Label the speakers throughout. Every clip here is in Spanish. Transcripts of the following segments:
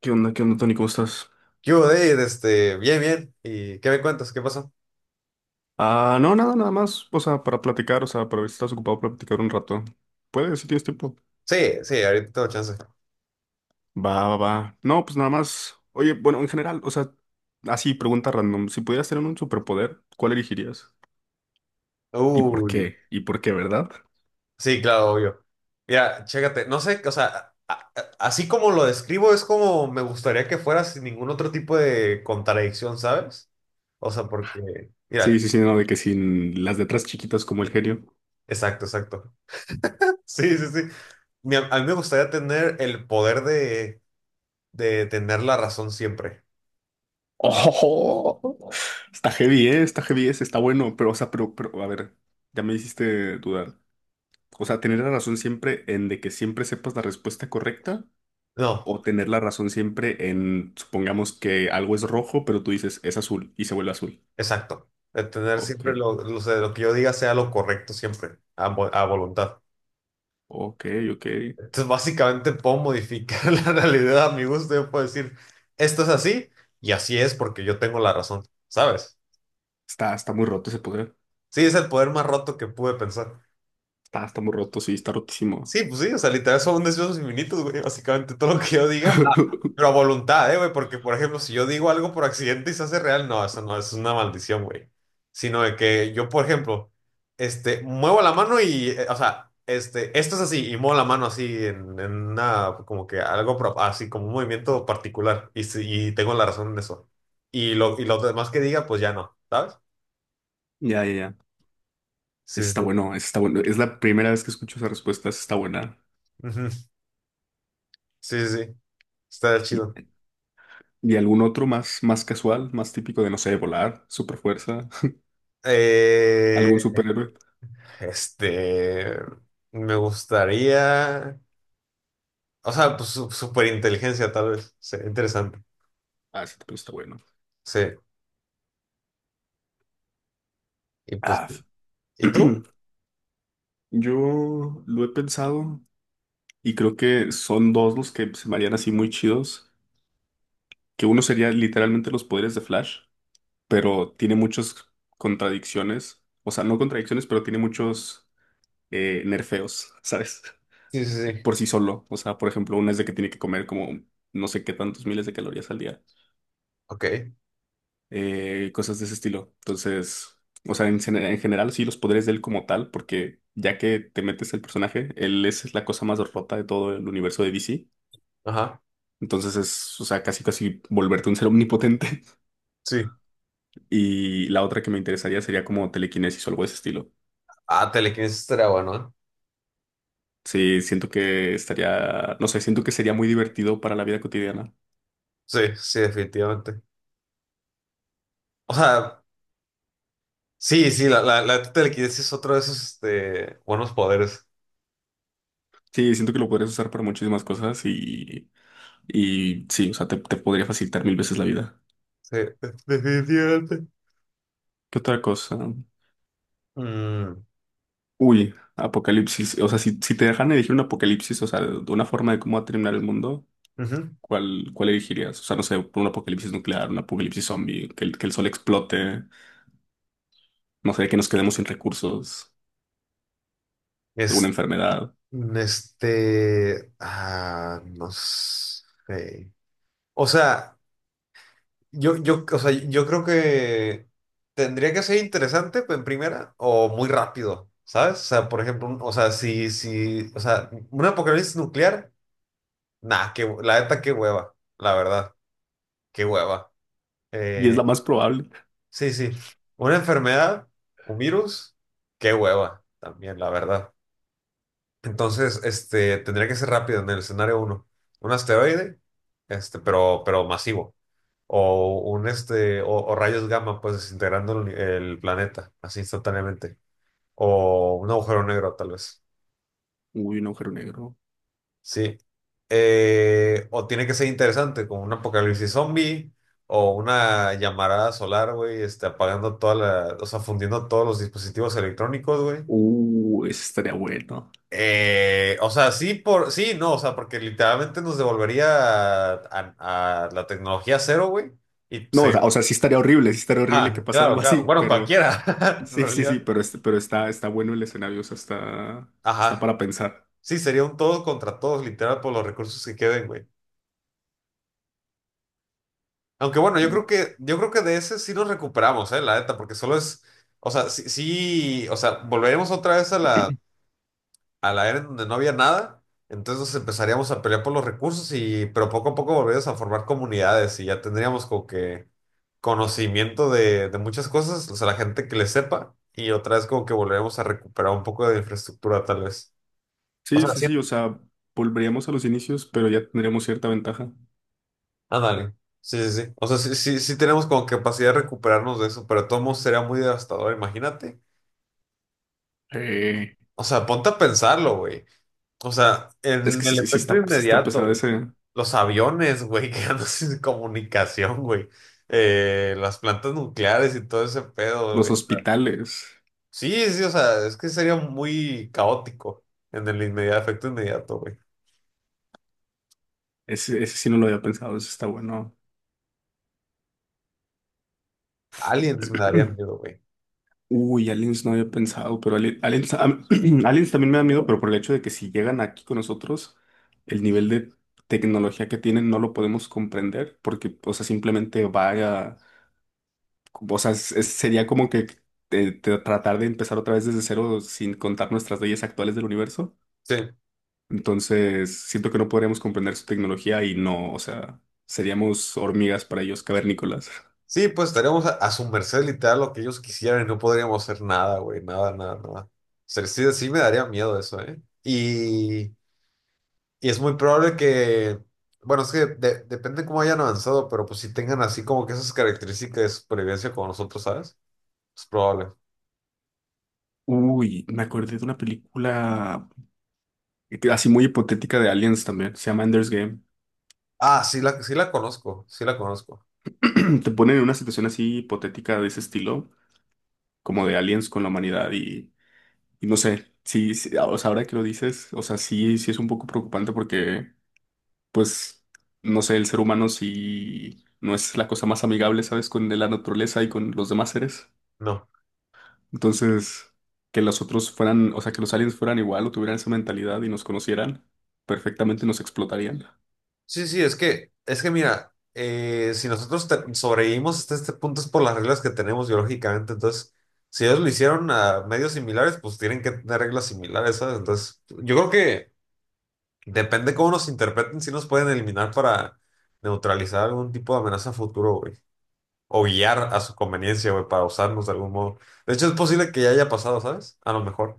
Speaker 1: ¿Qué onda, Tony? ¿Cómo estás?
Speaker 2: ¿Qué hubo, David? Bien, bien. ¿Y qué me cuentas? ¿Qué pasó?
Speaker 1: Ah, no, nada, nada más. O sea, para platicar, o sea, para ver si estás ocupado para platicar un rato. ¿Puedes, si tienes tiempo?
Speaker 2: Sí, sí, ahorita tengo chance.
Speaker 1: Va, va, va. No, pues nada más. Oye, bueno, en general, o sea, así, pregunta random. Si pudieras tener un superpoder, ¿cuál elegirías?
Speaker 2: Uy,
Speaker 1: ¿Y por qué, verdad?
Speaker 2: sí, claro, obvio. Mira, chécate, no sé, o sea, así como lo describo, es como me gustaría que fuera sin ningún otro tipo de contradicción, ¿sabes? O sea, porque,
Speaker 1: Sí,
Speaker 2: mira,
Speaker 1: sí, sí, no, de que sin las letras chiquitas como el genio.
Speaker 2: exacto, exacto. Sí, sí, sí. A mí me gustaría tener el poder de tener la razón siempre.
Speaker 1: ¡Oh! Está heavy, ¿eh? Está heavy, ese, está bueno, pero, o sea, pero, a ver, ya me hiciste dudar. O sea, tener la razón siempre en de que siempre sepas la respuesta correcta
Speaker 2: No,
Speaker 1: o tener la razón siempre en, supongamos que algo es rojo, pero tú dices es azul y se vuelve azul.
Speaker 2: exacto. De tener
Speaker 1: Ok,
Speaker 2: siempre o sea, lo que yo diga sea lo correcto siempre, a voluntad.
Speaker 1: ok, ok.
Speaker 2: Entonces, básicamente puedo modificar la realidad a mi gusto. Yo puedo decir, esto es así y así es porque yo tengo la razón, ¿sabes?
Speaker 1: Está muy roto ese poder.
Speaker 2: Sí, es el poder más roto que pude pensar.
Speaker 1: Está muy roto, sí, está rotísimo.
Speaker 2: Sí, pues sí, o sea, literal son deseos infinitos, güey, básicamente todo lo que yo diga. Ah, pero a voluntad, ¿eh, güey? Porque, por ejemplo, si yo digo algo por accidente y se hace real, no, eso no, eso es una maldición, güey. Sino de que yo, por ejemplo, muevo la mano y, o sea, esto es así, y muevo la mano así en una, como que algo, así como un movimiento particular, y, y tengo la razón en eso. Y lo demás que diga, pues ya no, ¿sabes?
Speaker 1: Ya, ya, ya.
Speaker 2: Sí,
Speaker 1: Ese
Speaker 2: sí,
Speaker 1: Está
Speaker 2: sí.
Speaker 1: bueno, ese está bueno. Es la primera vez que escucho esa respuesta, esa está buena.
Speaker 2: Ujú. Sí, sí, sí, está
Speaker 1: ¿Y,
Speaker 2: chido.
Speaker 1: y algún otro más casual, más típico de, no sé, volar, super fuerza, ¿algún
Speaker 2: Eh...
Speaker 1: superhéroe?
Speaker 2: Este, me gustaría, o sea, pues superinteligencia tal vez, sería interesante.
Speaker 1: Ah, ese también está bueno.
Speaker 2: Sí, y pues,
Speaker 1: Ah, f-
Speaker 2: ¿y tú?
Speaker 1: Yo lo he pensado y creo que son dos los que se me harían así muy chidos. Que uno sería literalmente los poderes de Flash, pero tiene muchas contradicciones, o sea, no contradicciones, pero tiene muchos nerfeos, ¿sabes?
Speaker 2: Sí, sí, sí.
Speaker 1: Por sí solo, o sea, por ejemplo, una es de que tiene que comer como no sé qué tantos miles de calorías al día,
Speaker 2: Ok,
Speaker 1: cosas de ese estilo. Entonces, o sea, en general sí los poderes de él como tal, porque ya que te metes el personaje, él es la cosa más rota de todo el universo de DC.
Speaker 2: ajá,
Speaker 1: Entonces es, o sea, casi casi volverte un ser omnipotente.
Speaker 2: sí.
Speaker 1: Y la otra que me interesaría sería como telequinesis o algo de ese estilo.
Speaker 2: Ah, telequinesis estaría bueno, ¿eh?
Speaker 1: Sí, siento que estaría, no sé, siento que sería muy divertido para la vida cotidiana.
Speaker 2: Sí, sí, definitivamente. O sea, sí, sí, la telequinesis es otro de esos, buenos poderes.
Speaker 1: Sí, siento que lo podrías usar para muchísimas cosas y sí, o sea, te podría facilitar mil veces la vida.
Speaker 2: Sí, definitivamente.
Speaker 1: ¿Qué otra cosa?
Speaker 2: Mm,
Speaker 1: Uy, apocalipsis. O sea, si te dejan elegir un apocalipsis, o sea, de una forma de cómo va a terminar el mundo,
Speaker 2: ujú.
Speaker 1: ¿cuál, cuál elegirías? O sea, no sé, un apocalipsis nuclear, un apocalipsis zombie, que el sol explote, no sé, que nos quedemos sin recursos, alguna
Speaker 2: Es-
Speaker 1: enfermedad.
Speaker 2: no sé. O sea... o sea, yo creo que tendría que ser interesante pues, en primera o muy rápido, ¿sabes? O sea, por ejemplo, o sea, si, si, o sea, un apocalipsis nuclear, nah, que, la neta, qué hueva, la verdad, qué hueva.
Speaker 1: Y es
Speaker 2: Eh,
Speaker 1: la más probable.
Speaker 2: sí, sí, una enfermedad, un virus, qué hueva, también, la verdad. Entonces, tendría que ser rápido en el escenario uno. Un asteroide, pero masivo. O un o rayos gamma, pues desintegrando el planeta, así instantáneamente. O un agujero negro, tal vez.
Speaker 1: Uy, un agujero negro.
Speaker 2: Sí. O tiene que ser interesante, como un apocalipsis zombie, o una llamarada solar, güey, apagando toda la, o sea, fundiendo todos los dispositivos electrónicos, güey.
Speaker 1: Eso estaría bueno.
Speaker 2: O sea, sí, sí, no, o sea, porque literalmente nos devolvería a la tecnología cero, güey. Y
Speaker 1: No,
Speaker 2: sí,
Speaker 1: o sea, sí estaría horrible que pasara
Speaker 2: claro,
Speaker 1: algo
Speaker 2: claro.
Speaker 1: así,
Speaker 2: Bueno,
Speaker 1: pero
Speaker 2: cualquiera, en
Speaker 1: sí, sí, sí,
Speaker 2: realidad.
Speaker 1: pero está bueno el escenario, o sea, está
Speaker 2: Ajá.
Speaker 1: para pensar.
Speaker 2: Sí, sería un todos contra todos, literal, por los recursos que queden, güey. Aunque bueno, yo
Speaker 1: Uh,
Speaker 2: creo que, yo creo que de ese sí nos recuperamos, la neta, porque solo es, o sea, sí, sí, o sea, volveremos otra vez a la era en donde no había nada, entonces nos empezaríamos a pelear por los recursos y, pero poco a poco volveríamos a formar comunidades y ya tendríamos como que conocimiento de muchas cosas, o sea, la gente que le sepa y otra vez como que volveremos a recuperar un poco de infraestructura tal vez. O
Speaker 1: sí,
Speaker 2: sea,
Speaker 1: sí,
Speaker 2: sí.
Speaker 1: sí, o sea, volveríamos a los inicios, pero ya tendríamos cierta ventaja.
Speaker 2: Ándale. Sí, sí, sí. O sea, sí, sí, sí tenemos como capacidad de recuperarnos de eso, pero de todos modos sería muy devastador, imagínate.
Speaker 1: Eh,
Speaker 2: O sea, ponte a pensarlo, güey. O sea,
Speaker 1: es
Speaker 2: en
Speaker 1: que
Speaker 2: el efecto
Speaker 1: sí está
Speaker 2: inmediato,
Speaker 1: pesado
Speaker 2: güey.
Speaker 1: ese,
Speaker 2: Los aviones, güey, quedando sin comunicación, güey. Las plantas nucleares y todo ese pedo,
Speaker 1: los
Speaker 2: güey.
Speaker 1: hospitales.
Speaker 2: Sí, sí, o sea, es que sería muy caótico en el inmediato, efecto inmediato, güey.
Speaker 1: Ese sí no lo había pensado, ese está bueno.
Speaker 2: Aliens me daría miedo, güey.
Speaker 1: Uy, aliens no había pensado, pero aliens, aliens también me da miedo, pero por el hecho de que si llegan aquí con nosotros, el nivel de tecnología que tienen no lo podemos comprender, porque, o sea, simplemente vaya, o sea, sería como que tratar de empezar otra vez desde cero sin contar nuestras leyes actuales del universo.
Speaker 2: Sí.
Speaker 1: Entonces, siento que no podríamos comprender su tecnología y no, o sea, seríamos hormigas para ellos, cavernícolas.
Speaker 2: Sí, pues estaríamos a su merced literal lo que ellos quisieran y no podríamos hacer nada, güey. Nada, nada, nada. O sea, sí, sí me daría miedo eso, ¿eh? Y. Y es muy probable que, bueno, es que depende cómo hayan avanzado, pero pues si tengan así como que esas características de supervivencia como nosotros, ¿sabes? Es probable.
Speaker 1: Uy, me acordé de una película así muy hipotética de Aliens también, se llama Ender's Game.
Speaker 2: Ah, sí sí la conozco, sí la conozco.
Speaker 1: Te ponen en una situación así hipotética de ese estilo, como de Aliens con la humanidad y no sé, sí, sí, o sea, ahora que lo dices, o sea, sí, sí es un poco preocupante porque, pues, no sé, el ser humano sí no es la cosa más amigable, ¿sabes? Con la naturaleza y con los demás seres.
Speaker 2: No.
Speaker 1: Entonces, que los otros fueran, o sea, que los aliens fueran igual o tuvieran esa mentalidad y nos conocieran, perfectamente nos explotarían.
Speaker 2: Sí, sí, es que mira, si nosotros sobrevivimos hasta este punto es por las reglas que tenemos biológicamente, entonces, si ellos lo hicieron a medios similares, pues tienen que tener reglas similares, ¿sabes? Entonces, yo creo que depende cómo nos interpreten, si nos pueden eliminar para neutralizar algún tipo de amenaza a futuro, güey, o guiar a su conveniencia, güey, para usarlos de algún modo. De hecho, es posible que ya haya pasado, ¿sabes? A lo mejor.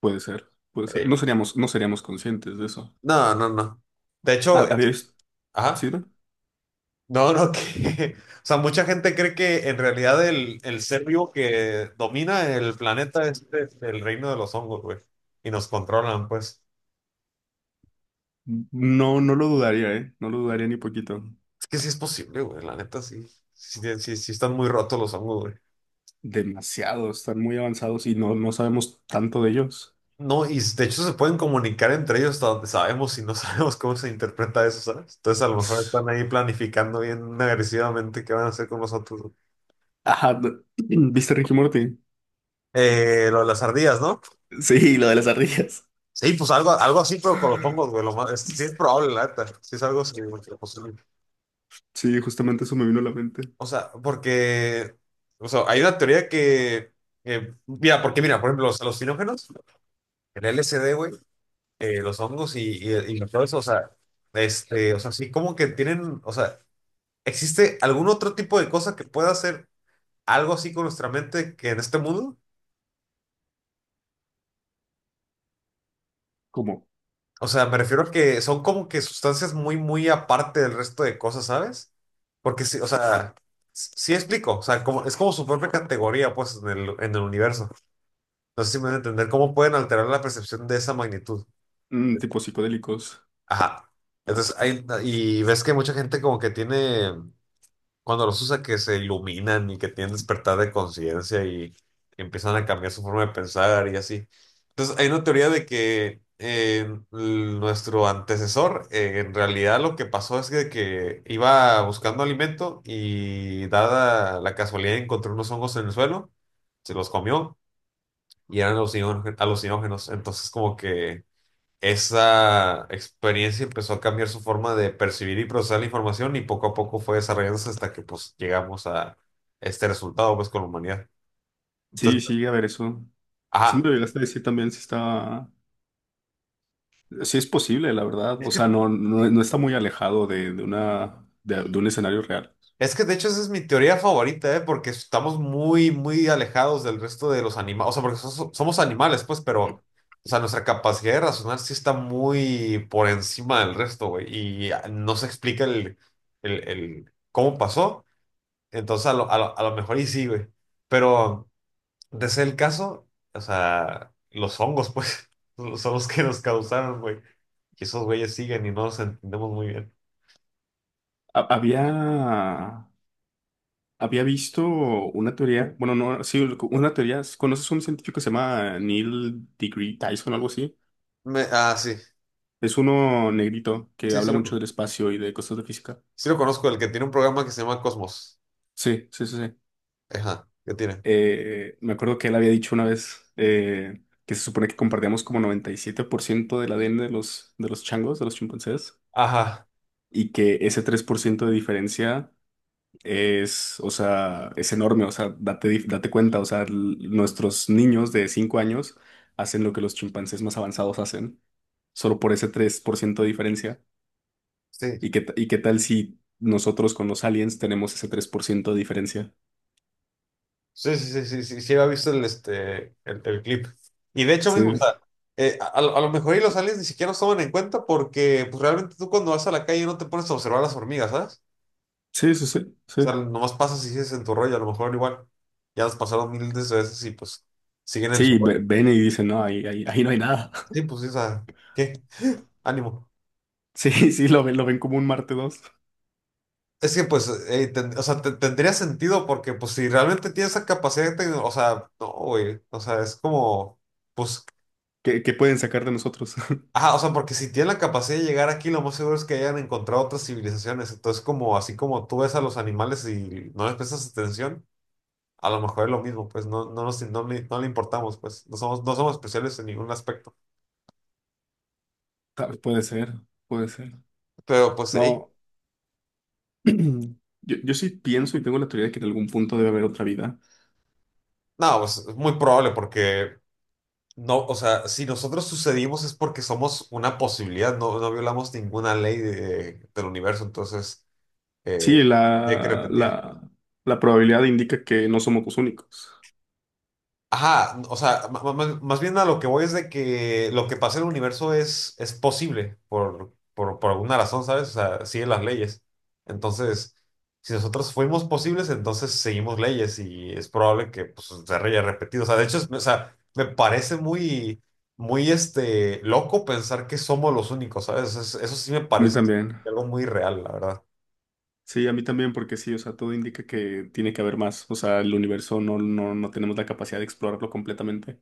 Speaker 1: Puede ser, puede ser. No
Speaker 2: Eh,
Speaker 1: seríamos, no seríamos conscientes de eso.
Speaker 2: no, no, no. De hecho,
Speaker 1: ¿Había visto? ¿Sí,
Speaker 2: ajá.
Speaker 1: no?
Speaker 2: No, no, que. O sea, mucha gente cree que en realidad el ser vivo que domina el planeta es el reino de los hongos, güey. Y nos controlan, pues.
Speaker 1: No, no lo dudaría, ¿eh? No lo dudaría ni poquito.
Speaker 2: Es que sí es posible, güey. La neta, sí. Sí, sí, sí, sí están muy rotos los hongos, güey.
Speaker 1: Demasiado, están muy avanzados y no sabemos tanto de ellos.
Speaker 2: No, y de hecho se pueden comunicar entre ellos hasta donde sabemos y no sabemos cómo se interpreta eso, ¿sabes? Entonces a lo mejor están ahí planificando bien agresivamente qué van a hacer con nosotros, ¿no?
Speaker 1: Ajá, ¿viste Ricky Morty?
Speaker 2: Lo de las ardillas, ¿no?
Speaker 1: Sí, lo de las ardillas.
Speaker 2: Sí, pues algo, algo así, pero con los hongos, güey. Lo más, sí es probable, la neta. Sí es algo así, güey, que posible.
Speaker 1: Sí, justamente eso me vino a la mente.
Speaker 2: O sea, porque... O sea, hay una teoría que... mira, porque mira, por ejemplo, los alucinógenos, el LSD, güey, los hongos y todo eso, o sea, o sea, sí como que tienen, o sea... ¿Existe algún otro tipo de cosa que pueda hacer algo así con nuestra mente que en este mundo?
Speaker 1: Como
Speaker 2: O sea, me refiero a que son como que sustancias muy, muy aparte del resto de cosas, ¿sabes? Porque sí, o sea, sí explico, o sea, como, es como su propia categoría, pues, en el universo. No sé si me van a entender cómo pueden alterar la percepción de esa magnitud.
Speaker 1: tipo psicodélicos.
Speaker 2: Ajá. Entonces, hay, y ves que mucha gente como que tiene, cuando los usa, que se iluminan y que tienen despertar de conciencia y empiezan a cambiar su forma de pensar y así. Entonces, hay una teoría de que nuestro antecesor, en realidad lo que pasó es que iba buscando alimento y dada la casualidad encontró unos hongos en el suelo, se los comió y eran alucinógenos. Entonces, como que esa experiencia empezó a cambiar su forma de percibir y procesar la información y poco a poco fue desarrollándose hasta que pues llegamos a este resultado pues con la humanidad.
Speaker 1: Sí,
Speaker 2: Entonces,
Speaker 1: sí, a ver eso. Sí me
Speaker 2: ajá,
Speaker 1: lo llegaste a decir también si está, si es posible, la verdad.
Speaker 2: es
Speaker 1: O
Speaker 2: que,
Speaker 1: sea, no no, no está muy alejado de un escenario real.
Speaker 2: es que de hecho esa es mi teoría favorita, ¿eh? Porque estamos muy, muy alejados del resto de los animales, o sea, porque somos animales pues, pero, o sea, nuestra capacidad de razonar sí está muy por encima del resto, güey, y no se explica el cómo pasó. Entonces, a lo mejor y sí, güey. Pero... de ser el caso, o sea, los hongos, pues, son los que nos causaron, güey. Y esos güeyes siguen y no los entendemos muy bien.
Speaker 1: Ha- había Había visto una teoría, bueno, no, sí, una teoría. ¿Conoces un científico que se llama Neil deGree Tyson o algo así?
Speaker 2: Sí,
Speaker 1: Es uno negrito que
Speaker 2: sí,
Speaker 1: habla mucho del espacio y de cosas de física.
Speaker 2: sí lo conozco, el que tiene un programa que se llama Cosmos.
Speaker 1: Sí, sí, sí, sí.
Speaker 2: Ajá, ¿qué tiene?
Speaker 1: Me acuerdo que él había dicho una vez que se supone que compartíamos como 97% del ADN de los changos, de los chimpancés,
Speaker 2: Ajá,
Speaker 1: y que ese 3% de diferencia es, o sea, es enorme, o sea, date cuenta, o sea, nuestros niños de 5 años hacen lo que los chimpancés más avanzados hacen, solo por ese 3% de diferencia.
Speaker 2: sí.
Speaker 1: ¿Y qué tal si nosotros con los aliens tenemos ese 3% de diferencia?
Speaker 2: Sí, sí, sí, sí, sí, sí, había visto el clip. Y de hecho
Speaker 1: Sí,
Speaker 2: mismo, o sea, a lo mejor y los aliens ni siquiera nos toman en cuenta porque pues, realmente tú cuando vas a la calle no te pones a observar las hormigas, ¿sabes?
Speaker 1: sí, sí, sí,
Speaker 2: O sea,
Speaker 1: sí.
Speaker 2: nomás pasas y sigues en tu rollo, a lo mejor igual. Ya las pasaron miles de veces y pues siguen en su
Speaker 1: Sí,
Speaker 2: rollo.
Speaker 1: ven y dicen, no, ahí, ahí, ahí no hay nada.
Speaker 2: Sí, pues sí, o sea, ¿qué? Ánimo.
Speaker 1: Sí, sí, lo ven como un Marte dos.
Speaker 2: Es que pues, o sea, tendría sentido porque pues si realmente tienes esa capacidad, de o sea, no, güey, o sea, es como, pues,
Speaker 1: ¿Qué pueden sacar de nosotros?
Speaker 2: ajá, o sea, porque si tienen la capacidad de llegar aquí, lo más seguro es que hayan encontrado otras civilizaciones. Entonces, como así como tú ves a los animales y no les prestas atención, a lo mejor es lo mismo, pues no, no, nos, no, no le importamos, pues no somos, no somos especiales en ningún aspecto.
Speaker 1: Puede ser, puede ser.
Speaker 2: Pero pues, hey,
Speaker 1: No. Yo sí pienso y tengo la teoría de que en algún punto debe haber otra vida.
Speaker 2: no, pues es muy probable porque no, o sea, si nosotros sucedimos es porque somos una posibilidad, no, no violamos ninguna ley del universo, entonces eh,
Speaker 1: Sí,
Speaker 2: hay que
Speaker 1: la,
Speaker 2: repetir.
Speaker 1: la, la probabilidad indica que no somos los únicos.
Speaker 2: Ajá, o sea, más bien a lo que voy es de que lo que pasa en el universo es posible por alguna razón, ¿sabes? O sea, sigue las leyes. Entonces, si nosotros fuimos posibles, entonces seguimos leyes y es probable que pues, se haya repetido. O sea, de hecho, o sea, me parece muy, muy loco pensar que somos los únicos, ¿sabes? Eso, sí me
Speaker 1: A mí
Speaker 2: parece
Speaker 1: también.
Speaker 2: algo muy real, la verdad.
Speaker 1: Sí, a mí también, porque sí, o sea, todo indica que tiene que haber más. O sea, el universo no tenemos la capacidad de explorarlo completamente.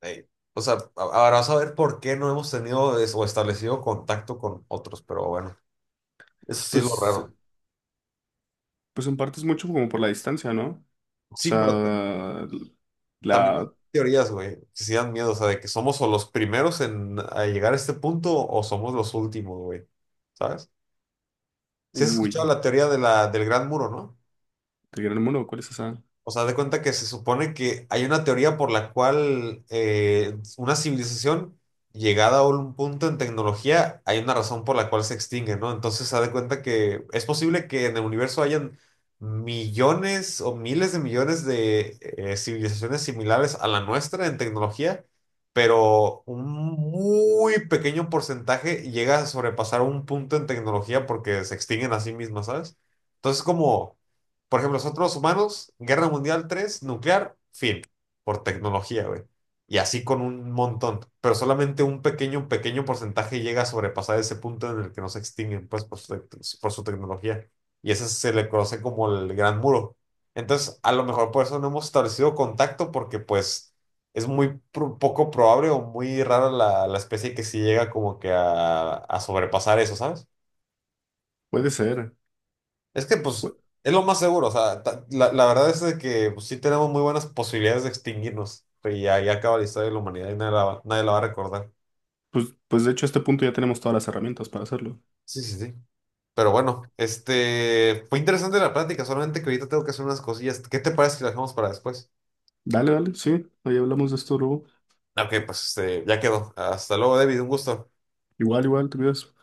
Speaker 2: Ey. O sea, ahora vas a ver por qué no hemos tenido o establecido contacto con otros, pero bueno. Eso sí es lo
Speaker 1: Pues,
Speaker 2: raro.
Speaker 1: pues en parte es mucho como por la distancia, ¿no? O
Speaker 2: Sí, pero
Speaker 1: sea,
Speaker 2: también hay
Speaker 1: la.
Speaker 2: teorías, güey, que sí dan miedo, o sea, de que somos o los primeros en a llegar a este punto o somos los últimos, güey. ¿Sabes? Sí has escuchado
Speaker 1: Uy,
Speaker 2: la teoría del Gran Muro, ¿no?
Speaker 1: ¿el gran mono? ¿Cuál es esa?
Speaker 2: O sea, de cuenta que se supone que hay una teoría por la cual una civilización llegada a un punto en tecnología, hay una razón por la cual se extingue, ¿no? Entonces se da de cuenta que es posible que en el universo hayan millones o miles de millones de civilizaciones similares a la nuestra en tecnología, pero un muy pequeño porcentaje llega a sobrepasar un punto en tecnología porque se extinguen a sí mismas, ¿sabes? Entonces como por ejemplo, nosotros humanos, Guerra Mundial III nuclear, fin, por tecnología, güey. Y así con un montón, pero solamente un pequeño, pequeño porcentaje llega a sobrepasar ese punto en el que no se extinguen, pues, por su tecnología. Y ese se le conoce como el Gran Muro. Entonces, a lo mejor por eso no hemos establecido contacto, porque pues es muy poco probable o muy rara la especie que sí llega como que a sobrepasar eso, ¿sabes?
Speaker 1: Puede ser.
Speaker 2: Es que, pues,
Speaker 1: Pu-
Speaker 2: es lo más seguro. O sea, la verdad es de que pues, sí tenemos muy buenas posibilidades de extinguirnos. Y ahí acaba la historia de la humanidad y nadie la va a recordar.
Speaker 1: pues de hecho, a este punto ya tenemos todas las herramientas para hacerlo.
Speaker 2: Sí, sí, sí. Pero bueno, fue interesante la plática, solamente que ahorita tengo que hacer unas cosillas. ¿Qué te parece si la dejamos para después?
Speaker 1: Dale, dale, sí, ahí hablamos de esto luego.
Speaker 2: Ok, pues, ya quedó. Hasta luego, David. Un gusto.
Speaker 1: Igual, igual, te cuidas.